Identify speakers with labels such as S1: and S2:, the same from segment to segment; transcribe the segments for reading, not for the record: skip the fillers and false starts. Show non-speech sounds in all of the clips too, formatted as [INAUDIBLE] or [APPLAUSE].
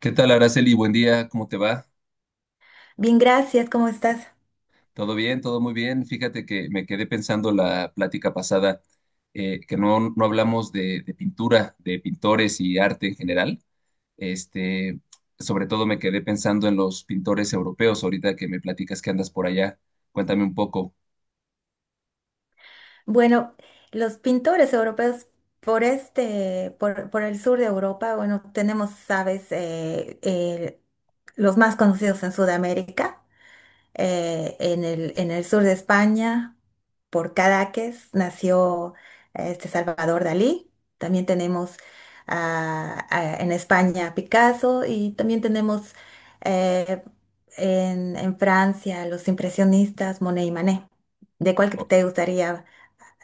S1: ¿Qué tal, Araceli? Buen día, ¿cómo te va?
S2: Bien, gracias, ¿cómo estás?
S1: ¿Todo bien? ¿Todo muy bien? Fíjate que me quedé pensando la plática pasada, que no hablamos de pintura, de pintores y arte en general. Este, sobre todo me quedé pensando en los pintores europeos, ahorita que me platicas que andas por allá. Cuéntame un poco.
S2: Bueno, los pintores europeos por el sur de Europa, bueno, tenemos, sabes, los más conocidos en Sudamérica. En el sur de España, por Cadaqués, nació este Salvador Dalí. También tenemos en España Picasso y también tenemos eh, en Francia los impresionistas Monet y Manet. ¿De cuál que te gustaría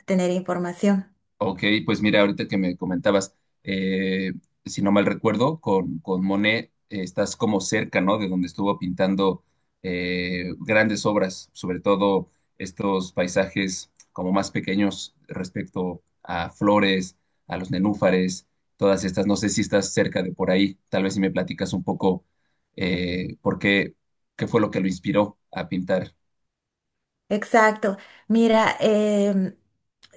S2: tener información?
S1: Ok, pues mira, ahorita que me comentabas, eh, si no mal recuerdo, con Monet estás como cerca, ¿no? De donde estuvo pintando grandes obras, sobre todo estos paisajes como más pequeños respecto a flores, a los nenúfares, todas estas. No sé si estás cerca de por ahí. Tal vez si me platicas un poco eh, por qué, qué fue lo que lo inspiró a pintar.
S2: Exacto. Mira,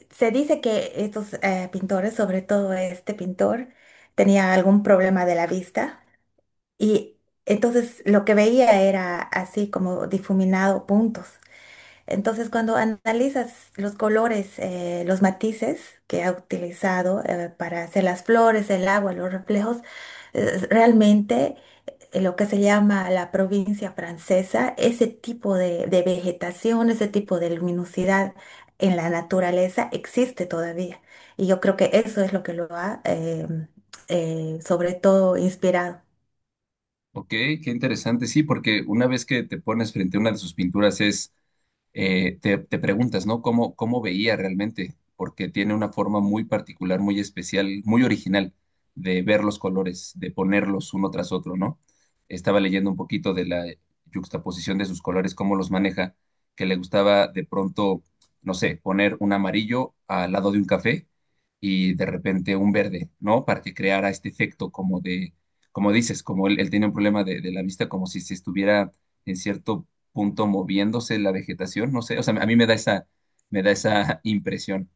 S2: se dice que estos pintores, sobre todo este pintor, tenía algún problema de la vista y entonces lo que veía era así como difuminado puntos. Entonces cuando analizas los colores, los matices que ha utilizado para hacer las flores, el agua, los reflejos, realmente lo que se llama la provincia francesa, ese tipo de vegetación, ese tipo de luminosidad en la naturaleza existe todavía. Y yo creo que eso es lo que lo ha, sobre todo, inspirado.
S1: Ok, qué interesante, sí, porque una vez que te pones frente a una de sus pinturas es te preguntas, ¿no? ¿Cómo, cómo veía realmente? Porque tiene una forma muy particular, muy especial, muy original de ver los colores, de ponerlos uno tras otro, ¿no? Estaba leyendo un poquito de la yuxtaposición de sus colores, cómo los maneja, que le gustaba de pronto, no sé, poner un amarillo al lado de un café y de repente un verde, ¿no? Para que creara este efecto como de, como dices, como él tenía un problema de la vista, como si se estuviera en cierto punto moviéndose la vegetación, no sé, o sea, a mí me da me da esa [LAUGHS] impresión.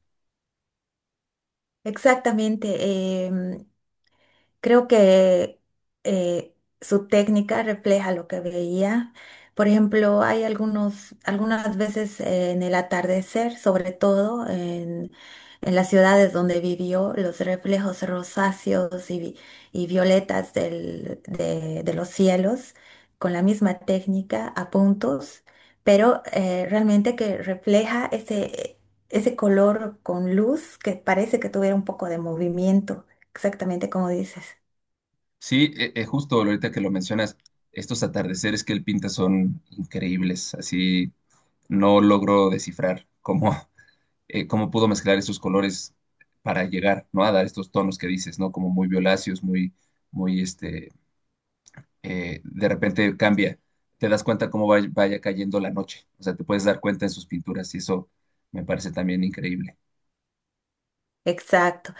S2: Exactamente. Creo que eh, su técnica refleja lo que veía. Por ejemplo, hay algunas veces en el atardecer, sobre todo en las ciudades donde vivió, los reflejos rosáceos y, y violetas de los cielos, con la misma técnica a puntos, pero realmente que refleja ese, ese color con luz que parece que tuviera un poco de movimiento. Exactamente como dices.
S1: Sí, justo ahorita que lo mencionas, estos atardeceres que él pinta son increíbles, así no logro descifrar cómo, [LAUGHS] cómo pudo mezclar esos colores para llegar, ¿no? A dar estos tonos que dices, ¿no? Como muy violáceos, muy, este, de repente cambia, te das cuenta cómo vaya cayendo la noche, o sea, te puedes dar cuenta en sus pinturas y eso me parece también increíble.
S2: Exacto.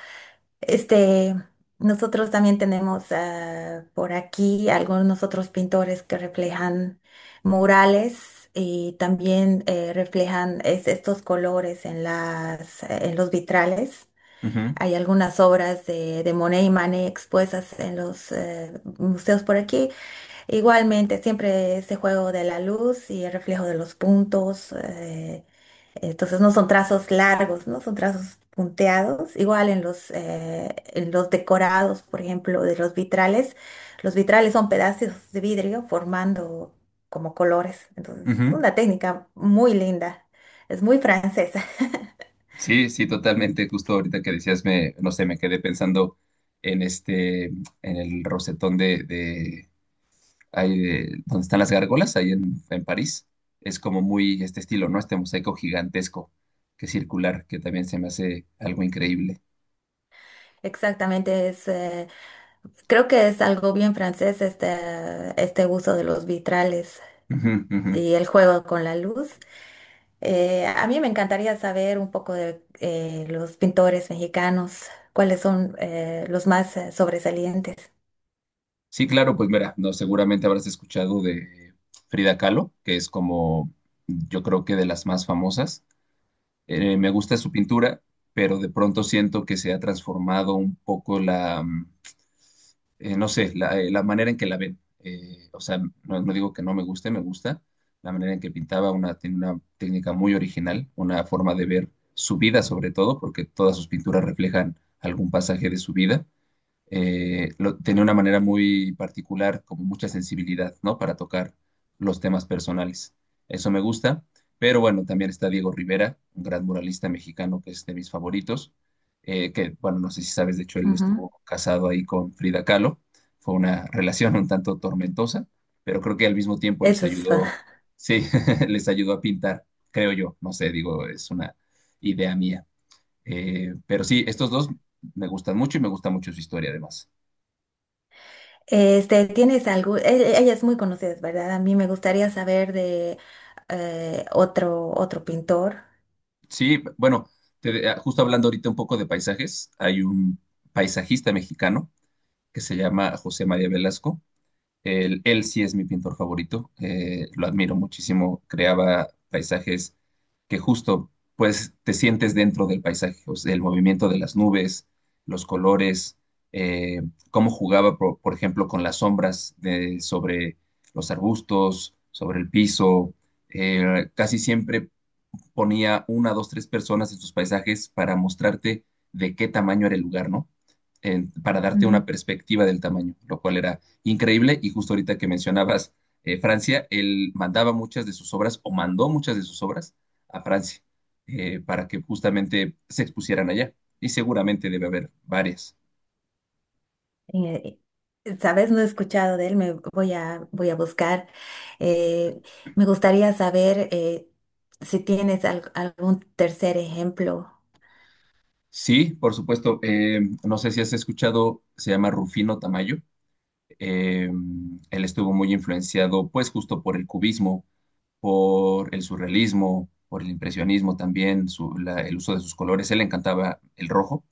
S2: Este, nosotros también tenemos, ah, por aquí algunos otros pintores que reflejan murales y también reflejan estos colores en los vitrales.
S1: Ujú,
S2: Hay algunas obras de Monet y Manet expuestas en los museos por aquí. Igualmente, siempre ese juego de la luz y el reflejo de los puntos. Entonces no son trazos largos, ¿no? Son trazos punteados. Igual en los decorados, por ejemplo, de los vitrales son pedazos de vidrio formando como colores. Entonces
S1: ujú.
S2: es una técnica muy linda, es muy francesa. [LAUGHS]
S1: Sí, sí, totalmente. Justo ahorita que decías, me, no sé, me quedé pensando en el rosetón ahí donde están las gárgolas, ahí en París. Es como muy este estilo, ¿no? Este mosaico gigantesco que es circular, que también se me hace algo increíble.
S2: Exactamente, es, creo que es algo bien francés este, este uso de los vitrales
S1: Ujú, ujú.
S2: y el juego con la luz. A mí me encantaría saber un poco de los pintores mexicanos, cuáles son los más sobresalientes.
S1: Sí, claro, pues mira, no, seguramente habrás escuchado de Frida Kahlo, que es como, yo creo que de las más famosas. Me gusta su pintura, pero de pronto siento que se ha transformado un poco no sé, la manera en que la ven. O sea, no digo que no me guste, me gusta la manera en que pintaba, una, tiene una técnica muy original, una forma de ver su vida sobre todo, porque todas sus pinturas reflejan algún pasaje de su vida tenía una manera muy particular, como mucha sensibilidad, ¿no? Para tocar los temas personales. Eso me gusta, pero bueno, también está Diego Rivera, un gran muralista mexicano que es de mis favoritos, que, bueno, no sé si sabes, de hecho, él
S2: Ujú.
S1: estuvo casado ahí con Frida Kahlo. Fue una relación un tanto tormentosa, pero creo que al mismo tiempo les
S2: Eso es.
S1: ayudó,
S2: [LAUGHS]
S1: sí, [LAUGHS] les ayudó a pintar, creo yo, no sé, digo, es una idea mía. Pero sí, estos dos me gustan mucho y me gusta mucho su historia además.
S2: Este, ¿tienes algo? Ella es muy conocida, ¿verdad? A mí me gustaría saber de otro pintor.
S1: Sí, bueno, justo hablando ahorita un poco de paisajes, hay un paisajista mexicano que se llama José María Velasco. Él sí es mi pintor favorito, lo admiro muchísimo. Creaba paisajes que justo, pues, te sientes dentro del paisaje, o sea, el movimiento de las nubes, los colores, eh, cómo jugaba, por ejemplo, con las sombras sobre los arbustos, sobre el piso. Casi siempre ponía una, dos, tres personas en sus paisajes para mostrarte de qué tamaño era el lugar, ¿no? Para darte una
S2: Ujú.
S1: perspectiva del tamaño, lo cual era increíble. Y justo ahorita que mencionabas Francia, él mandaba muchas de sus obras o mandó muchas de sus obras a Francia para que justamente se expusieran allá. Y seguramente debe haber varias.
S2: Eh, ¿Sabes? No he escuchado de él, voy a buscar. Eh, me gustaría saber si tienes algún tercer ejemplo.
S1: Sí, por supuesto. No sé si has escuchado, se llama Rufino Tamayo. Eh, él estuvo muy influenciado, pues, justo por el cubismo, por el surrealismo, por el impresionismo también, el uso de sus colores. Él le encantaba el rojo,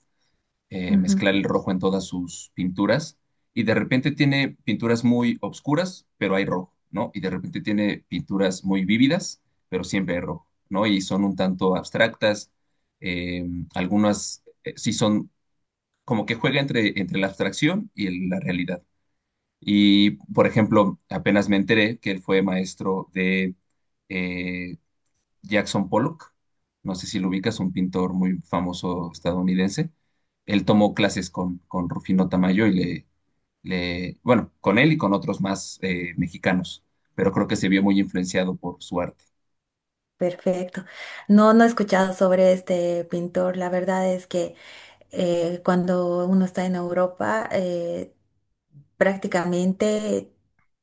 S1: mezclar el rojo en todas sus pinturas. Y de repente tiene pinturas muy obscuras, pero hay rojo, ¿no? Y de repente tiene pinturas muy vívidas, pero siempre hay rojo, ¿no? Y son un tanto abstractas. Eh, algunas sí son como que juega entre la abstracción y la realidad. Y, por ejemplo, apenas me enteré que él fue maestro eh, Jackson Pollock, no sé si lo ubicas, un pintor muy famoso estadounidense. Él tomó clases con Rufino Tamayo bueno, con él y con otros más mexicanos, pero creo que se vio muy influenciado por su arte.
S2: Perfecto. No, no he escuchado sobre este pintor. La verdad es que cuando uno está en Europa, prácticamente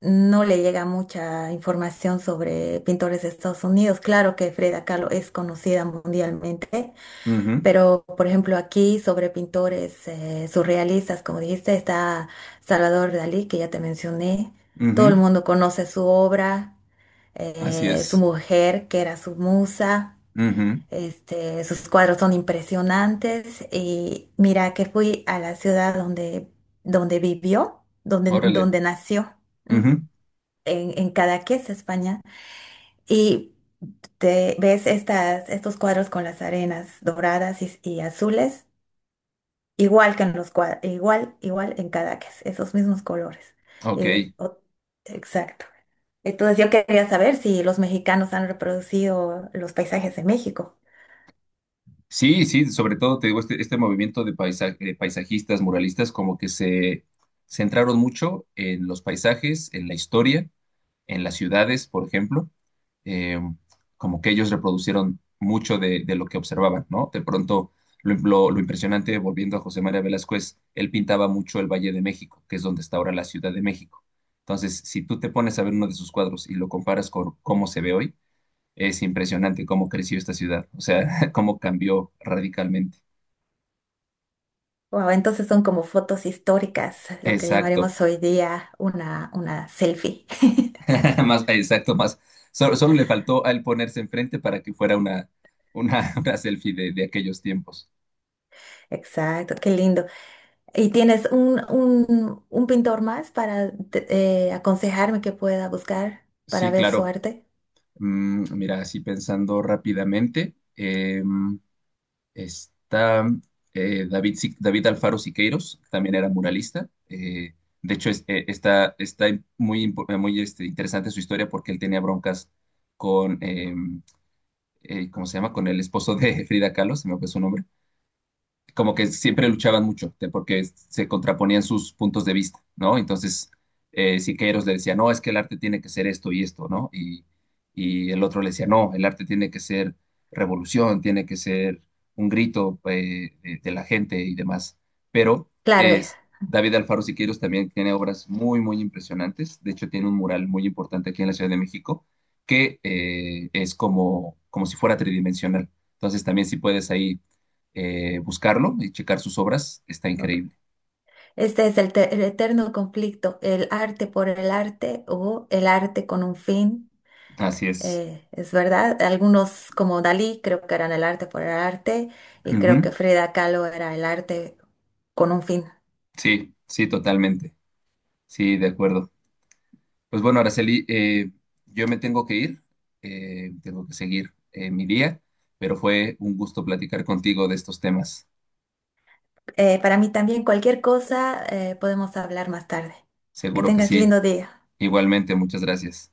S2: no le llega mucha información sobre pintores de Estados Unidos. Claro que Frida Kahlo es conocida mundialmente,
S1: Ujú,
S2: pero por ejemplo aquí sobre pintores surrealistas, como dijiste, está Salvador Dalí, que ya te mencioné. Todo el
S1: ujú,
S2: mundo conoce su obra,
S1: así
S2: su
S1: es.
S2: mujer, que era su musa.
S1: Ujú,
S2: Este, sus cuadros son impresionantes y mira que fui a la ciudad donde, donde vivió,
S1: órale.
S2: donde nació, mm,
S1: Ujú,
S2: en Cadaqués, España, y te ves estas, estos cuadros con las arenas doradas y azules, igual que en los cuadros, igual, igual en Cadaqués, esos mismos colores.
S1: ok.
S2: Eh, o- exacto. Entonces yo quería saber si los mexicanos han reproducido los paisajes de México.
S1: Sí, sí, sobre todo te digo, este movimiento de, de paisajistas, muralistas, como que se centraron mucho en los paisajes, en la historia, en las ciudades, por ejemplo, eh, como que ellos reproducieron mucho de lo que observaban, ¿no? De pronto, lo impresionante, volviendo a José María Velázquez, él pintaba mucho el Valle de México, que es donde está ahora la Ciudad de México. Entonces, si tú te pones a ver uno de sus cuadros y lo comparas con cómo se ve hoy, es impresionante cómo creció esta ciudad, o sea, [LAUGHS] cómo cambió radicalmente.
S2: Wow, entonces son como fotos históricas, lo que
S1: Exacto,
S2: llamaremos hoy día una selfie. [LAUGHS]
S1: [LAUGHS] más, exacto, más. Solo, solo le faltó a él ponerse enfrente para que fuera [LAUGHS] una selfie de aquellos tiempos.
S2: Exacto, qué lindo. ¿Y tienes un pintor más para aconsejarme que pueda buscar para
S1: Sí,
S2: ver su
S1: claro.
S2: arte?
S1: Mm, mira, así pensando rápidamente, está David, Si- David Alfaro Siqueiros, también era muralista. De hecho, está muy este, interesante su historia porque él tenía broncas con, em, ¿cómo se llama? Con el esposo de [LAUGHS] Frida Kahlo, se me fue su nombre como que siempre luchaban mucho, porque se contraponían sus puntos de vista, ¿no? Entonces, Siqueiros le decía, no, es que el arte tiene que ser esto y esto, ¿no? Y el otro le decía, no, el arte tiene que ser revolución, tiene que ser un grito de la gente y demás. Pero
S2: Claro,
S1: es, David Alfaro Siqueiros también tiene obras muy, muy impresionantes. De hecho, tiene un mural muy importante aquí en la Ciudad de México que es como, como si fuera tridimensional. Entonces, también si puedes ahí buscarlo y checar sus obras, está
S2: ok.
S1: increíble.
S2: Este es el, el eterno conflicto, el arte por el arte o el arte con un fin.
S1: Así es.
S2: Eh, es verdad, algunos como Dalí creo que eran el arte por el arte y creo que
S1: Ujú.
S2: Frida Kahlo era el arte con un fin.
S1: Sí, sí, totalmente. Sí, de acuerdo. Pues bueno, Araceli, yo me tengo que ir, tengo que seguir mi día, pero fue un gusto platicar contigo de estos temas.
S2: Para mí también cualquier cosa, podemos hablar más tarde. Que
S1: Seguro que
S2: tengas
S1: sí.
S2: lindo día.
S1: Igualmente, muchas gracias.